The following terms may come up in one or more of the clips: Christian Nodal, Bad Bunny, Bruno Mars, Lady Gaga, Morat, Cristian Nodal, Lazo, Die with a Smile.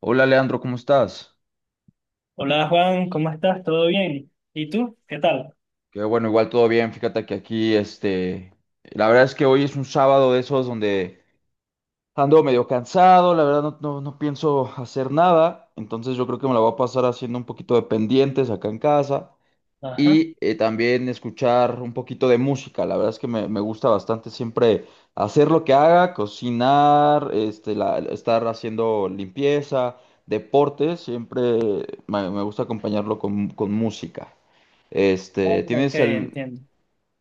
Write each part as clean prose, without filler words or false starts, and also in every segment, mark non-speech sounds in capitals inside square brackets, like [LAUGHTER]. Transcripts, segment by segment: Hola Leandro, ¿cómo estás? Hola Juan, ¿cómo estás? ¿Todo bien? ¿Y tú? ¿Qué tal? Qué bueno, igual todo bien. Fíjate que aquí, la verdad es que hoy es un sábado de esos donde ando medio cansado, la verdad no pienso hacer nada, entonces yo creo que me la voy a pasar haciendo un poquito de pendientes acá en casa. Ajá. Ah, Y también escuchar un poquito de música. La verdad es que me gusta bastante siempre hacer lo que haga, cocinar, este, estar haciendo limpieza, deporte, siempre me gusta acompañarlo con música. Este, ok, ¿tienes al- entiendo.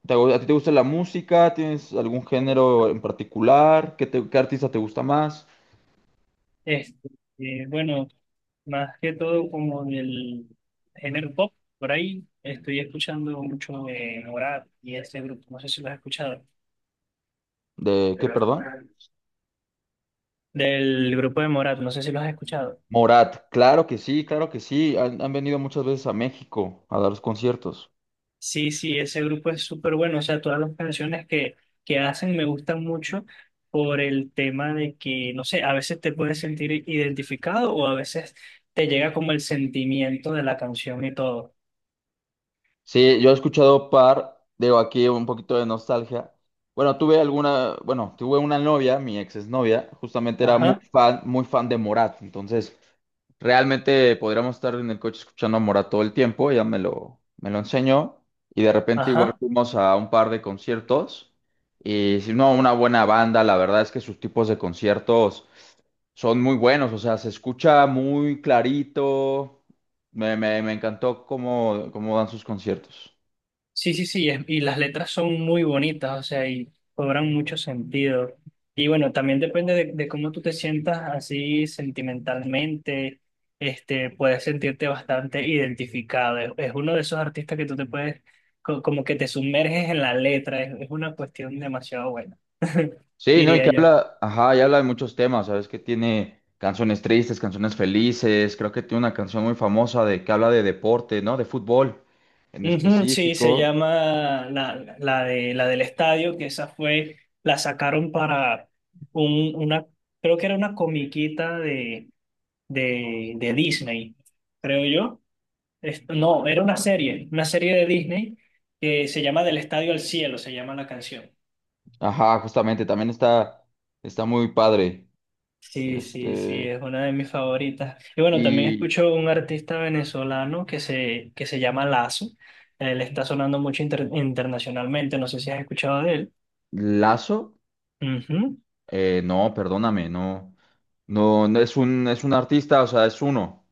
te- a ti te gusta la música? ¿Tienes algún género en particular? ¿ qué artista te gusta más? Este, bueno, más que todo como del género pop, por ahí estoy escuchando mucho Morat y ese grupo, no sé si lo has escuchado. ¿De qué, perdón? Del grupo de Morat, no sé si lo has escuchado. Morat, claro que sí, claro que sí. Han venido muchas veces a México a dar los conciertos. Sí, sí, ese grupo es súper bueno. O sea, todas las canciones que hacen me gustan mucho por el tema de que, no sé, a veces te puedes sentir identificado o a veces te llega como el sentimiento de la canción y todo. Sí, yo he escuchado par, digo aquí un poquito de nostalgia. Bueno, tuve alguna, bueno, tuve una novia, mi ex exnovia, justamente era Ajá, muy fan de Morat, entonces realmente podríamos estar en el coche escuchando a Morat todo el tiempo, ella me lo enseñó y de repente igual ajá. fuimos a un par de conciertos y si no, una buena banda, la verdad es que sus tipos de conciertos son muy buenos, o sea, se escucha muy clarito. Me encantó cómo dan sus conciertos. Sí, sí, sí, y las letras son muy bonitas, o sea, y cobran mucho sentido. Y bueno, también depende de cómo tú te sientas así sentimentalmente, este, puedes sentirte bastante identificado. Es uno de esos artistas que tú te puedes, como que te sumerges en la letra, es una cuestión demasiado buena, [LAUGHS] Sí, ¿no? Y diría que yo. habla, ajá, y habla de muchos temas, ¿sabes? Que tiene canciones tristes, canciones felices. Creo que tiene una canción muy famosa de que habla de deporte, ¿no? De fútbol en Ujú, sí, se específico. llama la del estadio, que esa fue, la sacaron para una, creo que era una comiquita de Disney, creo yo. No, era una serie de Disney que se llama Del Estadio al Cielo, se llama la canción. Ajá, justamente, también está muy padre. Sí, sí, sí, Este, es una de mis favoritas. Y bueno, también y escucho un artista venezolano que se llama Lazo. Él está sonando mucho internacionalmente, no sé si has escuchado de él. Lazo, Ujú. No, perdóname, no es es un artista, o sea, es uno.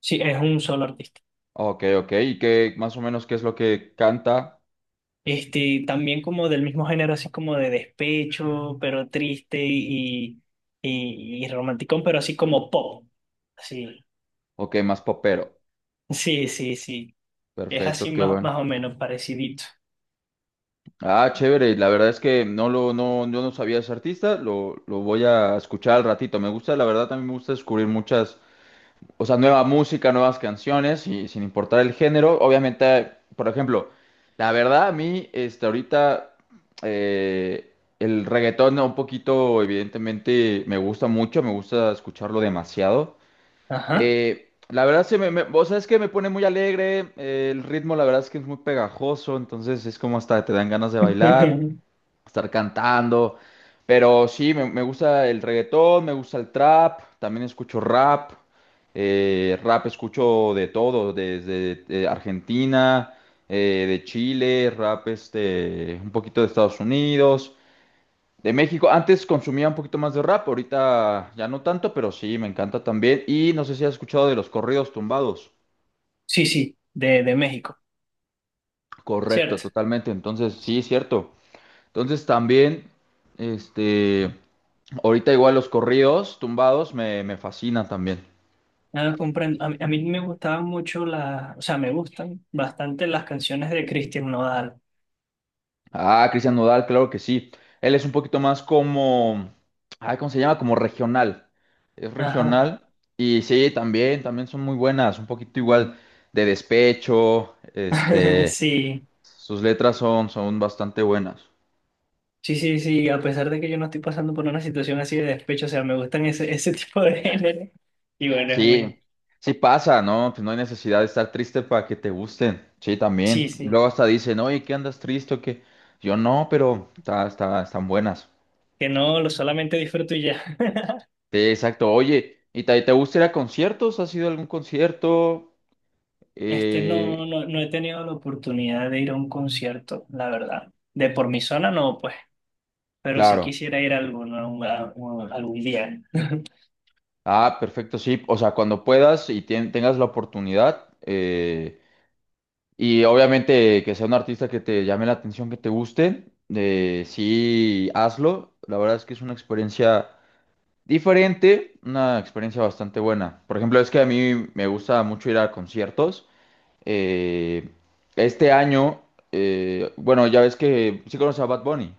Sí, es un solo artista. Ok, ok. ¿Y qué más o menos qué es lo que canta? Este, también como del mismo género, así como de despecho, pero triste y romanticón, pero así como pop. Sí, Ok, más popero. [LAUGHS] sí, sí, sí. Es así Perfecto, qué más, más bueno. o menos parecidito. Ah, chévere. La verdad es que no lo, no, yo no sabía ese artista. Lo voy a escuchar al ratito. Me gusta, la verdad, también me gusta descubrir muchas, o sea, nueva música, nuevas canciones y sin importar el género. Obviamente, por ejemplo, la verdad a mí, este, ahorita eh, el reggaetón un poquito, evidentemente, me gusta mucho. Me gusta escucharlo demasiado. Ajá. La verdad, se me, me- O sea, es que me pone muy alegre. El ritmo, la verdad, es que es muy pegajoso. Entonces, es como hasta te dan ganas de bailar, [LAUGHS] estar cantando. Pero sí, me gusta el reggaetón, me gusta el trap. También escucho rap. Rap escucho de todo, desde Argentina, de Chile, rap este, un poquito de Estados Unidos. De México, antes consumía un poquito más de rap, ahorita ya no tanto, pero sí, me encanta también. Y no sé si has escuchado de los corridos tumbados. Sí, sí, de México, Correcto, ¿cierto? totalmente. Entonces, sí, cierto. Entonces también, este, ahorita igual los corridos tumbados me fascinan también. No, comprendo. A mí me gustaban mucho las, o sea, me gustan bastante las canciones de Christian Nodal. Ah, Cristian Nodal, claro que sí. Él es un poquito más como, ay, ¿cómo se llama? Como regional. Es Ajá. regional. Y sí, también, también son muy buenas, un poquito igual de despecho, [LAUGHS] este. Sí, Sus letras son bastante buenas. sí, sí, sí. A pesar de que yo no estoy pasando por una situación así de despecho, o sea, me gustan ese, [LAUGHS] ese tipo de género. Y bueno, es muy. Sí, sí pasa, ¿no? Pues no hay necesidad de estar triste para que te gusten. Sí, Sí, también. sí. Luego hasta dicen, oye, ¿qué andas triste o qué? Yo no, pero están buenas. Que no, lo solamente disfruto y ya. [LAUGHS] Sí, exacto. Oye, ¿y te gusta ir a conciertos? ¿Has ido a algún concierto? Este, Eh, no he tenido la oportunidad de ir a un concierto, la verdad. De por mi zona no, pues. Pero sí claro. quisiera ir a alguno, algún día. Ah, perfecto, sí. O sea, cuando puedas y tengas la oportunidad, y obviamente que sea un artista que te llame la atención, que te guste, sí, hazlo. La verdad es que es una experiencia diferente, una experiencia bastante buena. Por ejemplo, es que a mí me gusta mucho ir a conciertos. Eh, este año, bueno, ya ves que sí conoces a Bad Bunny.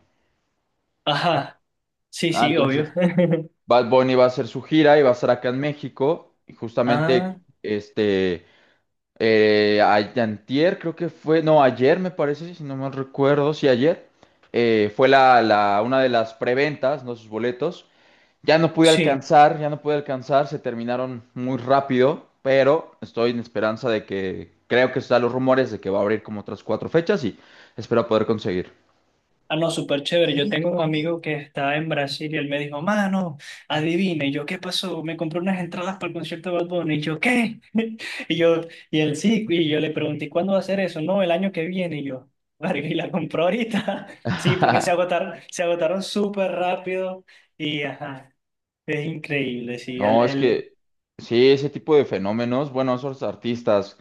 Ajá. Sí, Ah, sí, obvio. entonces, [LAUGHS] Bad Bunny va a hacer su gira y va a estar acá en México. Y Ah, justamente, este... antier creo que fue, no, ayer me parece, si no mal recuerdo, sí, ayer fue una de las preventas, ¿no? Sus boletos. Ya no pude sí. alcanzar, ya no pude alcanzar, se terminaron muy rápido, pero estoy en esperanza de que, creo que están los rumores de que va a abrir como otras cuatro fechas y espero poder conseguir. Ah, no, súper chévere. Yo tengo un Listo. Amigo que está en Brasil y él me dijo, mano, adivina. Y yo, ¿qué pasó? Me compré unas entradas para el concierto de Bad Bunny. Y yo, ¿qué? [LAUGHS] Y yo, y él sí. Y yo le pregunté, ¿y cuándo va a ser eso? No, el año que viene. Y yo, [LAUGHS] verga, ¿y la compró ahorita? [LAUGHS] Sí, porque [LAUGHS] se agotaron súper rápido. Y ajá, es increíble, sí. No, es que sí, ese tipo de fenómenos, bueno, esos artistas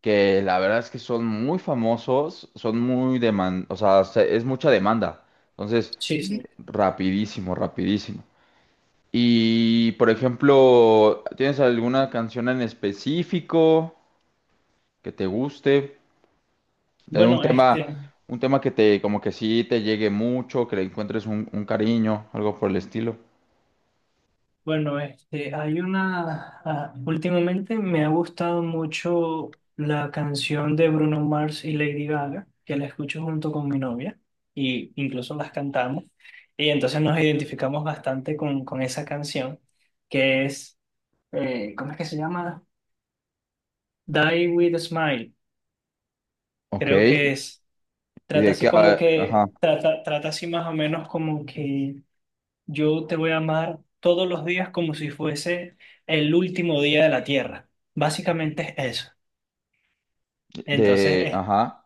que la verdad es que son muy famosos, son muy demandados, o sea, es mucha demanda. Entonces, Sí, sí. rapidísimo, rapidísimo. Y, por ejemplo, ¿tienes alguna canción en específico que te guste? De Bueno, este. un tema que te, como que sí te llegue mucho, que le encuentres un cariño, algo por el estilo. Bueno, este, hay una, ah, últimamente me ha gustado mucho la canción de Bruno Mars y Lady Gaga, que la escucho junto con mi novia y incluso las cantamos. Y entonces nos identificamos bastante con esa canción, que es, ¿cómo es que se llama? Die with a Smile, Ok. creo que ¿Y es. Trata de así qué? como Ah, ajá. que, trata así más o menos como que yo te voy a amar todos los días como si fuese el último día de la tierra. Básicamente es eso. Entonces De, es, ajá.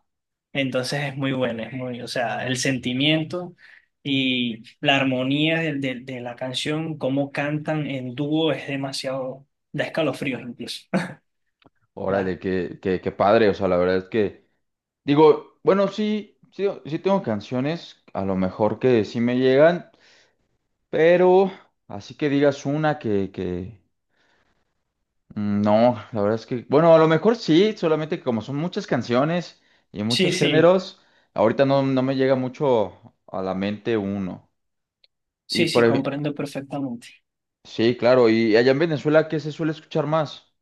entonces es muy bueno, es muy, o sea, el sentimiento y la armonía de la canción, cómo cantan en dúo es demasiado, da escalofríos incluso. [LAUGHS] La- Órale, qué, qué, qué padre, o sea, la verdad es que, digo, bueno, sí tengo canciones, a lo mejor que sí me llegan, pero así que digas una que, mm, no, la verdad es que, bueno, a lo mejor sí, solamente que como son muchas canciones y sí, muchos sí, géneros, ahorita no me llega mucho a la mente uno. Y sí, por sí, ej- comprendo perfectamente. sí, claro, y allá en Venezuela, ¿qué se suele escuchar más?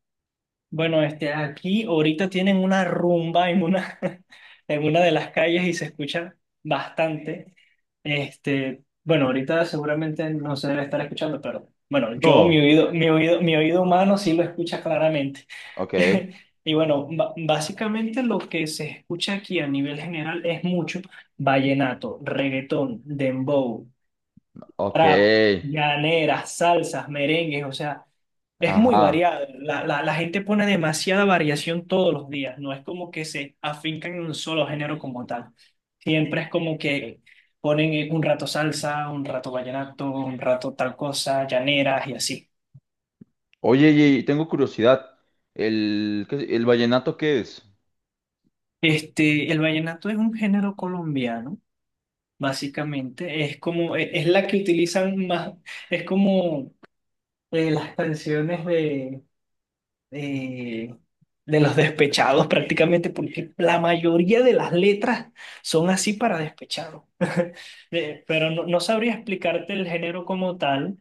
Bueno, este, aquí ahorita tienen una rumba en una, [LAUGHS] en una de las calles y se escucha bastante. Este, bueno, ahorita seguramente no se debe estar escuchando, pero bueno, yo, No, mi oído humano sí lo escucha claramente. ok, [LAUGHS] Y bueno, básicamente lo que se escucha aquí a nivel general es mucho vallenato, reggaetón, dembow, ok, trap, llaneras, salsas, merengues, o sea, es muy ajá. variado. La gente pone demasiada variación todos los días, no es como que se afincan en un solo género como tal. Siempre es como que ponen un rato salsa, un rato vallenato, un rato tal cosa, llaneras y así. Oye, y tengo curiosidad. ¿ el vallenato qué es? Este, el vallenato es un género colombiano, básicamente, es como, es la que utilizan más, es como las canciones eh, de los despechados prácticamente, porque la mayoría de las letras son así para despechados. [LAUGHS] Pero no, no sabría explicarte el género como tal.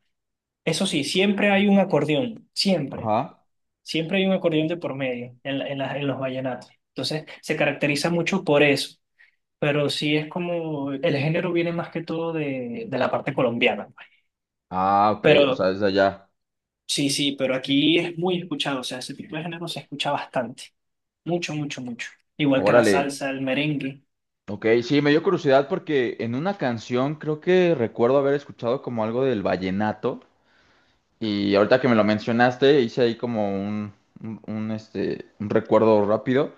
Eso sí, siempre hay un acordeón, siempre, Ajá. siempre hay un acordeón de por medio en, la- en, las- en los vallenatos. Entonces, se caracteriza mucho por eso. Pero sí es como, el género viene más que todo de la parte colombiana. Ah, ok, o Pero sea, es de allá. sí, sí, pero aquí es muy escuchado, o sea, ese tipo de género se escucha bastante. Mucho, mucho, mucho. Igual que la Órale. salsa, el merengue. Ok, sí, me dio curiosidad porque en una canción creo que recuerdo haber escuchado como algo del vallenato. Y ahorita que me lo mencionaste, hice ahí como este, un recuerdo rápido.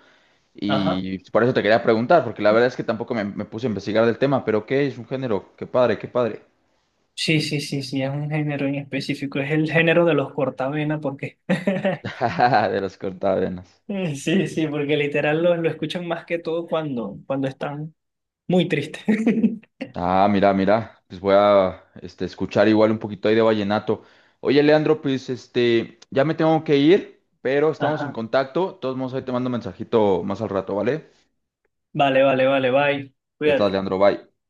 Ajá. Y por eso te quería preguntar, porque la verdad es que tampoco me puse a investigar del tema, pero qué es un género, qué padre, qué padre. Sí, sí, sí, sí, es un género en específico. Es el género de los cortavena, porque. [LAUGHS] [LAUGHS] De los cortavenas. Sí, sí, porque literal lo escuchan más que todo cuando están muy tristes. [LAUGHS] Ah, mira, mira, pues voy a este, escuchar igual un poquito ahí de vallenato. Oye, Leandro, pues este, ya me tengo que ir, pero estamos en Ajá. contacto. De todos modos, ahí te mando un mensajito más al rato, ¿vale? Vale, vale, vale, bye. Ya estás, Cuídate. Leandro, bye.